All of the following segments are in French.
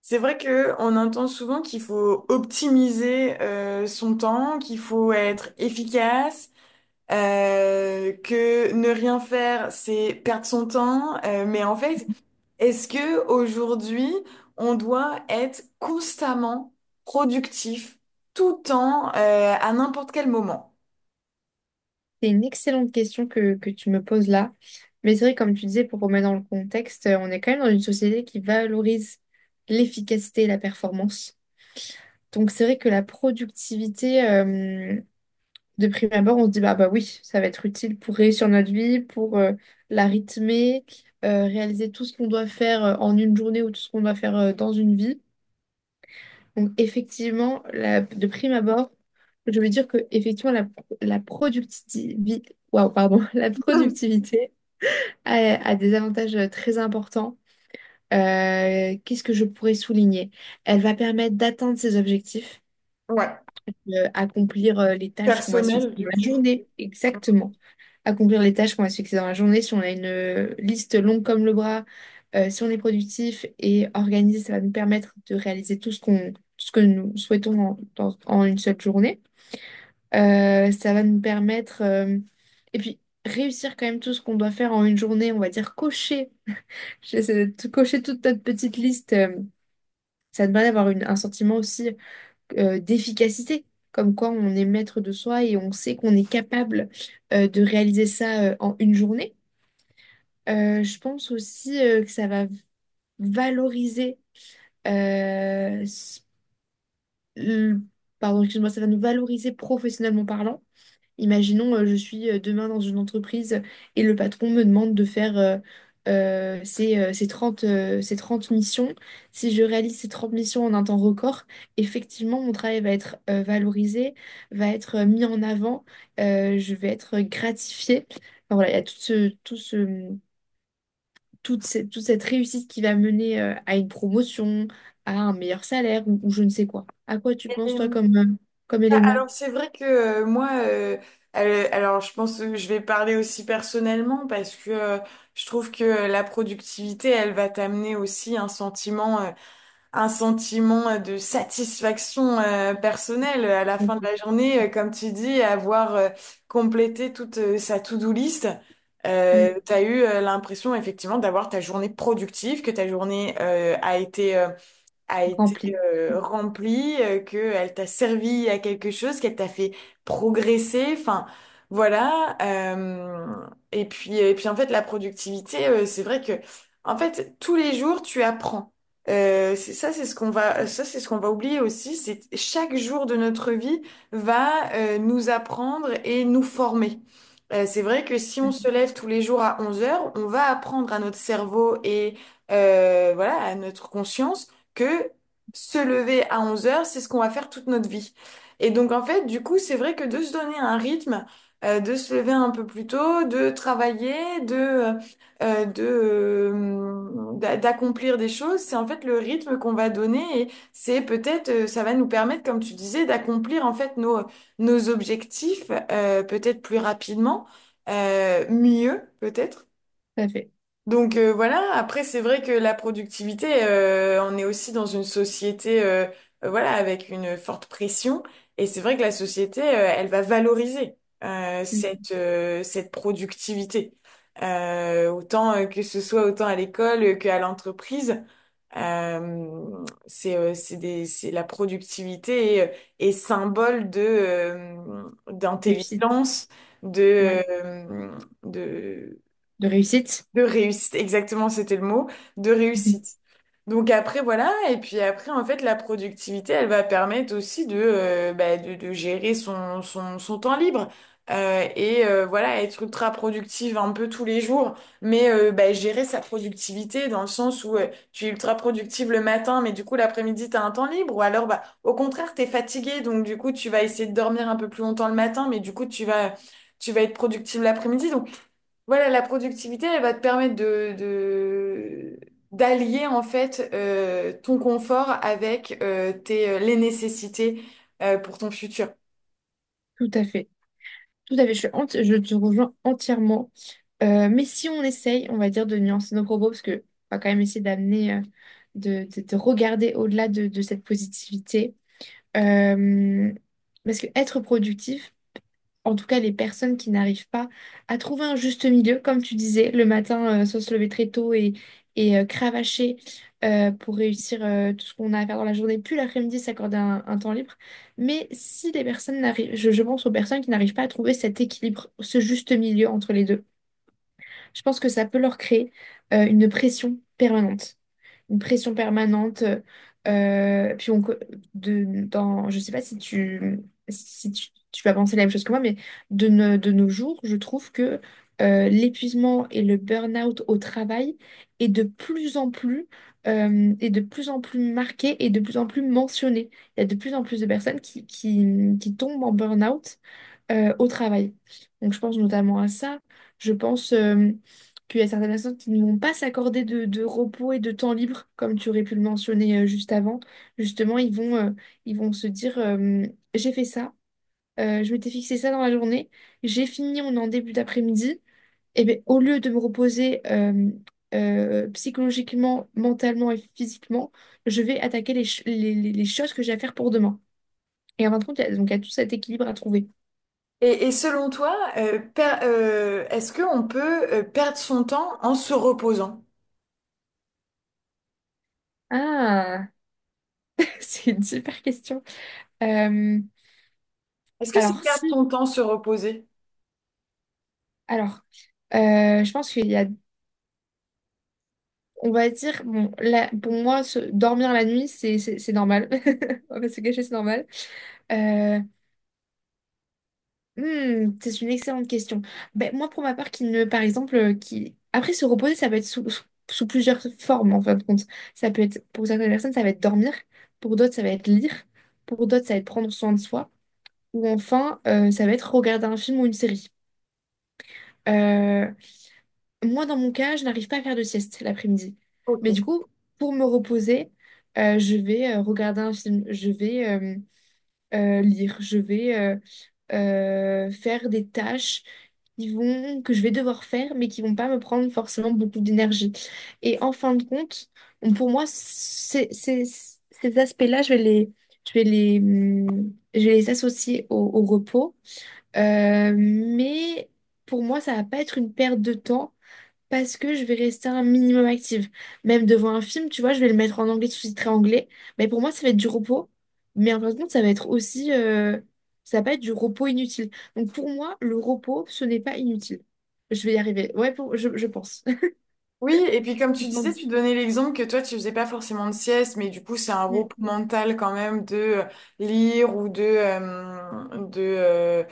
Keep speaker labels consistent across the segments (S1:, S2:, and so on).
S1: C'est vrai que on entend souvent qu'il faut optimiser son temps, qu'il faut être efficace, que ne rien faire, c'est perdre son temps. Mais en fait, est-ce que aujourd'hui, on doit être constamment productif tout le temps à n'importe quel moment?
S2: C'est une excellente question que tu me poses là. Mais c'est vrai, comme tu disais, pour remettre dans le contexte, on est quand même dans une société qui valorise l'efficacité et la performance. Donc c'est vrai que la productivité, de prime abord, on se dit, bah oui, ça va être utile pour réussir notre vie, pour la rythmer, réaliser tout ce qu'on doit faire en une journée ou tout ce qu'on doit faire dans une vie. Donc, effectivement, de prime abord, je veux dire que effectivement, la productivité, waouh, pardon, la productivité a, a des avantages très importants. Qu'est-ce que je pourrais souligner? Elle va permettre d'atteindre ses objectifs,
S1: Ouais,
S2: accomplir les tâches qu'on va se fixer
S1: personnel du
S2: dans la
S1: coup.
S2: journée, exactement accomplir les tâches qu'on va se fixer dans la journée. Si on a une liste longue comme le bras, si on est productif et organisé, ça va nous permettre de réaliser tout ce que nous souhaitons en une seule journée. Ça va nous permettre, et puis réussir quand même tout ce qu'on doit faire en une journée, on va dire cocher, cocher toute notre petite liste. Ça te permet d'avoir un sentiment aussi d'efficacité, comme quoi on est maître de soi et on sait qu'on est capable de réaliser ça en une journée. Je pense aussi que ça va valoriser, euh, s- le- pardon, excuse-moi, ça va nous valoriser professionnellement parlant. Imaginons, je suis demain dans une entreprise et le patron me demande de faire ces 30 missions. Si je réalise ces 30 missions en un temps record, effectivement, mon travail va être valorisé, va être mis en avant, je vais être gratifiée. Enfin, voilà, il y a toute cette réussite qui va mener à une promotion, à un meilleur salaire ou je ne sais quoi. À quoi tu penses, toi, comme élément?
S1: Alors c'est vrai que alors je pense que je vais parler aussi personnellement parce que je trouve que la productivité, elle va t'amener aussi un sentiment de satisfaction personnelle à la fin de
S2: Rempli.
S1: la journée, comme tu dis, avoir complété toute sa to-do list.
S2: Mm.
S1: T'as eu l'impression effectivement d'avoir ta journée productive, que ta journée a été a été
S2: Rempli.
S1: remplie, qu'elle t'a servi à quelque chose, qu'elle t'a fait progresser, enfin voilà. Et puis en fait, la productivité, c'est vrai que en fait, tous les jours, tu apprends. C'est ça, c'est ce qu'on va, ça, C'est ce qu'on va oublier aussi, c'est que chaque jour de notre vie va nous apprendre et nous former. C'est vrai que si on se lève tous les jours à 11 heures, on va apprendre à notre cerveau et voilà, à notre conscience que se lever à 11 heures, c'est ce qu'on va faire toute notre vie. Et donc, en fait, du coup, c'est vrai que de se donner un rythme, de se lever un peu plus tôt, de travailler, de, euh, euh, de, d'accomplir des choses, c'est en fait le rythme qu'on va donner et c'est peut-être, ça va nous permettre, comme tu disais, d'accomplir en fait nos objectifs, peut-être plus rapidement, mieux peut-être.
S2: Tout à fait.
S1: Donc voilà, après c'est vrai que la productivité, on est aussi dans une société voilà, avec une forte pression et c'est vrai que la société, elle va valoriser
S2: Mm.
S1: cette productivité. Autant que ce soit autant à l'école qu'à l'entreprise. C'est des c'est La productivité est symbole de
S2: Réussite.
S1: d'intelligence,
S2: Ouais.
S1: de de
S2: De réussite.
S1: de réussite, exactement, c'était le mot, de
S2: Mhm.
S1: réussite. Donc après, voilà, et puis après, en fait, la productivité, elle va permettre aussi bah, de gérer son temps libre. Voilà, être ultra productive un peu tous les jours, mais bah, gérer sa productivité dans le sens où tu es ultra productive le matin, mais du coup l'après-midi, tu as un temps libre, ou alors bah, au contraire, tu es fatigué, donc du coup, tu vas essayer de dormir un peu plus longtemps le matin, mais du coup, tu vas être productive l'après-midi. Voilà, la productivité, elle va te permettre d'allier en fait ton confort avec les nécessités pour ton futur.
S2: Tout à fait. Tout à fait. Je te rejoins entièrement. Mais si on essaye, on va dire, de nuancer nos propos, parce que on va quand même essayer d'amener, de regarder au-delà de cette positivité. Euh, Parce que être productif, en tout cas les personnes qui n'arrivent pas à trouver un juste milieu, comme tu disais, le matin, soit se lever très tôt cravacher pour réussir tout ce qu'on a à faire dans la journée, puis l'après-midi s'accorder un temps libre. Mais si les personnes n'arrivent, je pense aux personnes qui n'arrivent pas à trouver cet équilibre, ce juste milieu entre les deux, je pense que ça peut leur créer une pression permanente une pression permanente. Puis on, co- de, dans, Je sais pas si tu, tu vas penser la même chose que moi, mais de, no- de nos jours, je trouve que l'épuisement et le burn-out au travail est de plus en plus, est de plus en plus marqué et de plus en plus mentionné. Il y a de plus en plus de personnes qui tombent en burn-out au travail. Donc je pense notamment à ça. Je pense qu'il y a certaines personnes qui ne vont pas s'accorder de repos et de temps libre, comme tu aurais pu le mentionner juste avant. Justement, ils vont se dire, j'ai fait ça, je m'étais fixé ça dans la journée, j'ai fini, on est en début d'après-midi. Et bien, au lieu de me reposer psychologiquement, mentalement et physiquement, je vais attaquer les, ch- les choses que j'ai à faire pour demain. Et en fin de compte, donc il y a tout cet équilibre à trouver.
S1: Et selon toi, est-ce qu'on peut perdre son temps en se reposant?
S2: Ah, c'est une super question. Euh,
S1: Est-ce que c'est
S2: alors,
S1: perdre ton
S2: si,
S1: temps se reposer?
S2: alors, Je pense qu'il y a, on va dire, bon, là, pour moi, dormir la nuit, c'est normal. On va pas se cacher, c'est normal. Euh, c'est une excellente question. Ben, moi, pour ma part, qui ne, par exemple, qui... Après, se reposer, ça peut être sous plusieurs formes, en fin de compte. Ça peut être, pour certaines personnes, ça va être dormir. Pour d'autres, ça va être lire. Pour d'autres, ça va être prendre soin de soi. Ou enfin, ça va être regarder un film ou une série. Euh, Moi, dans mon cas, je n'arrive pas à faire de sieste l'après-midi.
S1: Ok.
S2: Mais du coup, pour me reposer, je vais regarder un film, je vais lire, je vais faire des tâches qui vont, que je vais devoir faire, mais qui vont pas me prendre forcément beaucoup d'énergie. Et en fin de compte, pour moi, ces aspects-là, je vais je vais les associer au repos. Mais pour moi, ça va pas être une perte de temps. Parce que je vais rester un minimum active. Même devant un film, tu vois, je vais le mettre en anglais, sous-titré anglais. Mais pour moi, ça va être du repos. Mais en fin de compte, ça va être aussi... ça va pas être du repos inutile. Donc pour moi, le repos, ce n'est pas inutile. Je vais y arriver. Ouais, je pense.
S1: Oui, et puis comme tu disais,
S2: Tandis-
S1: tu donnais l'exemple que toi, tu faisais pas forcément de sieste, mais du coup, c'est un repos
S2: Mm.
S1: mental quand même de lire ou de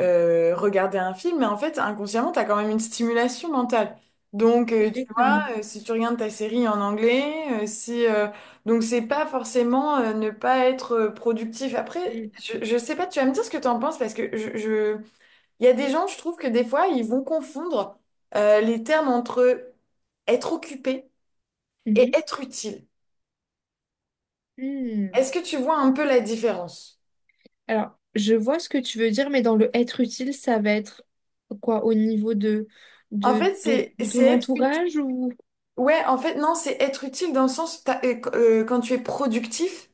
S1: regarder un film. Mais en fait, inconsciemment, tu as quand même une stimulation mentale. Donc, tu vois,
S2: Exactement.
S1: si tu regardes ta série en anglais, si, donc c'est pas forcément ne pas être productif. Après,
S2: Mm.
S1: je sais pas, tu vas me dire ce que tu en penses parce que il y a des gens, je trouve que des fois, ils vont confondre les termes entre être occupé et
S2: Mhm.
S1: être utile.
S2: Mm.
S1: Est-ce que tu vois un peu la différence?
S2: Alors, je vois ce que tu veux dire, mais dans le être utile, ça va être quoi au niveau
S1: En fait, c'est
S2: de
S1: c'est
S2: ton
S1: être utile.
S2: entourage ou...
S1: Ouais, en fait, non, c'est être utile dans le sens quand tu es productif.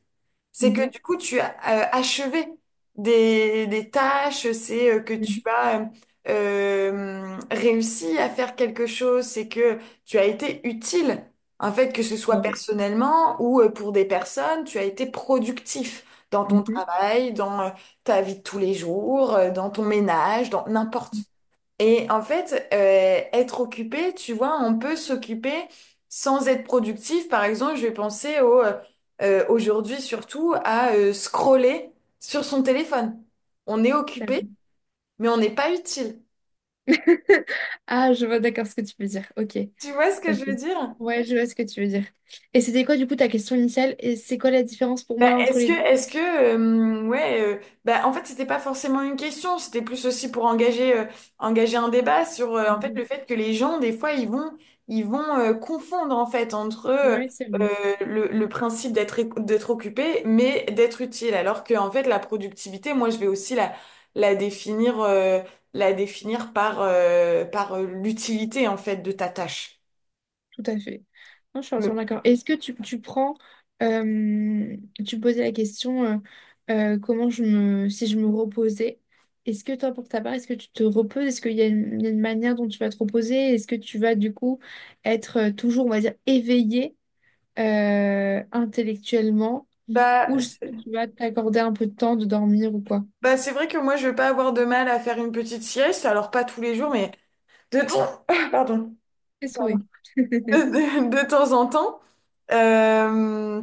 S1: C'est que
S2: Mhm,
S1: du coup, tu as achevé des tâches, c'est que tu
S2: mhm,
S1: as réussi à faire quelque chose, c'est que tu as été utile, en fait, que ce soit
S2: tout à fait.
S1: personnellement ou pour des personnes, tu as été productif dans ton
S2: Mhm.
S1: travail, dans ta vie de tous les jours, dans ton ménage, dans n'importe. Et en fait, être occupé, tu vois, on peut s'occuper sans être productif. Par exemple, je vais penser au, aujourd'hui surtout à scroller sur son téléphone. On est occupé, mais on n'est pas utile.
S2: Ah, je vois d'accord ce que tu veux dire. Ok,
S1: Tu vois ce que
S2: ok.
S1: je veux dire?
S2: Ouais, je vois ce que tu veux dire. Et c'était quoi du coup ta question initiale? Et c'est quoi la différence pour
S1: Bah,
S2: moi entre les deux?
S1: bah, en fait, c'était pas forcément une question, c'était plus aussi pour engager, engager un débat sur, en fait,
S2: Mhm.
S1: le fait que les gens, des fois, ils vont confondre, en fait, entre
S2: Ouais, c'est vrai.
S1: le principe d'être, d'être occupé, mais d'être utile, alors que, en fait, la productivité, moi, je vais aussi la, la définir, euh, la définir par l'utilité, en fait, de ta tâche.
S2: Tout à fait. Non, je suis
S1: Mm.
S2: entièrement d'accord. Est-ce que tu prends, euh, tu posais la question comment je me, si je me reposais, est-ce que toi, pour ta part, est-ce que tu te reposes? Est-ce qu'il y a il y a une manière dont tu vas te reposer? Est-ce que tu vas du coup être toujours, on va dire, éveillé intellectuellement?
S1: Bah,
S2: Ou juste que tu vas t'accorder un peu de temps de dormir ou quoi.
S1: Bah, c'est vrai que moi, je vais pas avoir de mal à faire une petite sieste, alors pas tous les jours, mais de temps, pardon,
S2: C'est souhait.
S1: de, de temps en temps. Euh,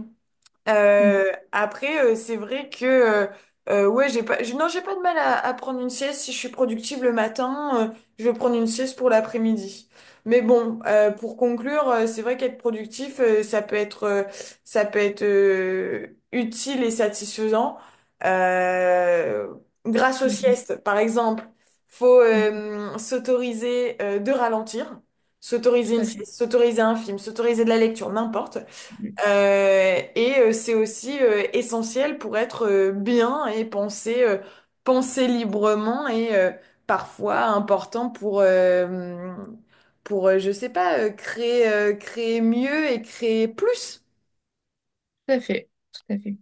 S2: Mm,
S1: Après, c'est vrai que ouais, j'ai pas, j'ai- non, j'ai pas de mal à prendre une sieste. Si je suis productive le matin, je vais prendre une sieste pour l'après-midi. Mais bon, pour conclure, c'est vrai qu'être productif, ça peut être utile et satisfaisant euh, grâce aux
S2: mm,
S1: siestes, par exemple. Faut
S2: mm, mm.
S1: s'autoriser de ralentir, s'autoriser
S2: Tout
S1: une
S2: à fait.
S1: sieste, s'autoriser un film, s'autoriser de la lecture, n'importe.
S2: Mm.
S1: C'est aussi essentiel pour être bien et penser, penser librement et parfois important pour, je sais pas, créer, créer mieux et créer plus.
S2: Tout à fait. Tout à fait.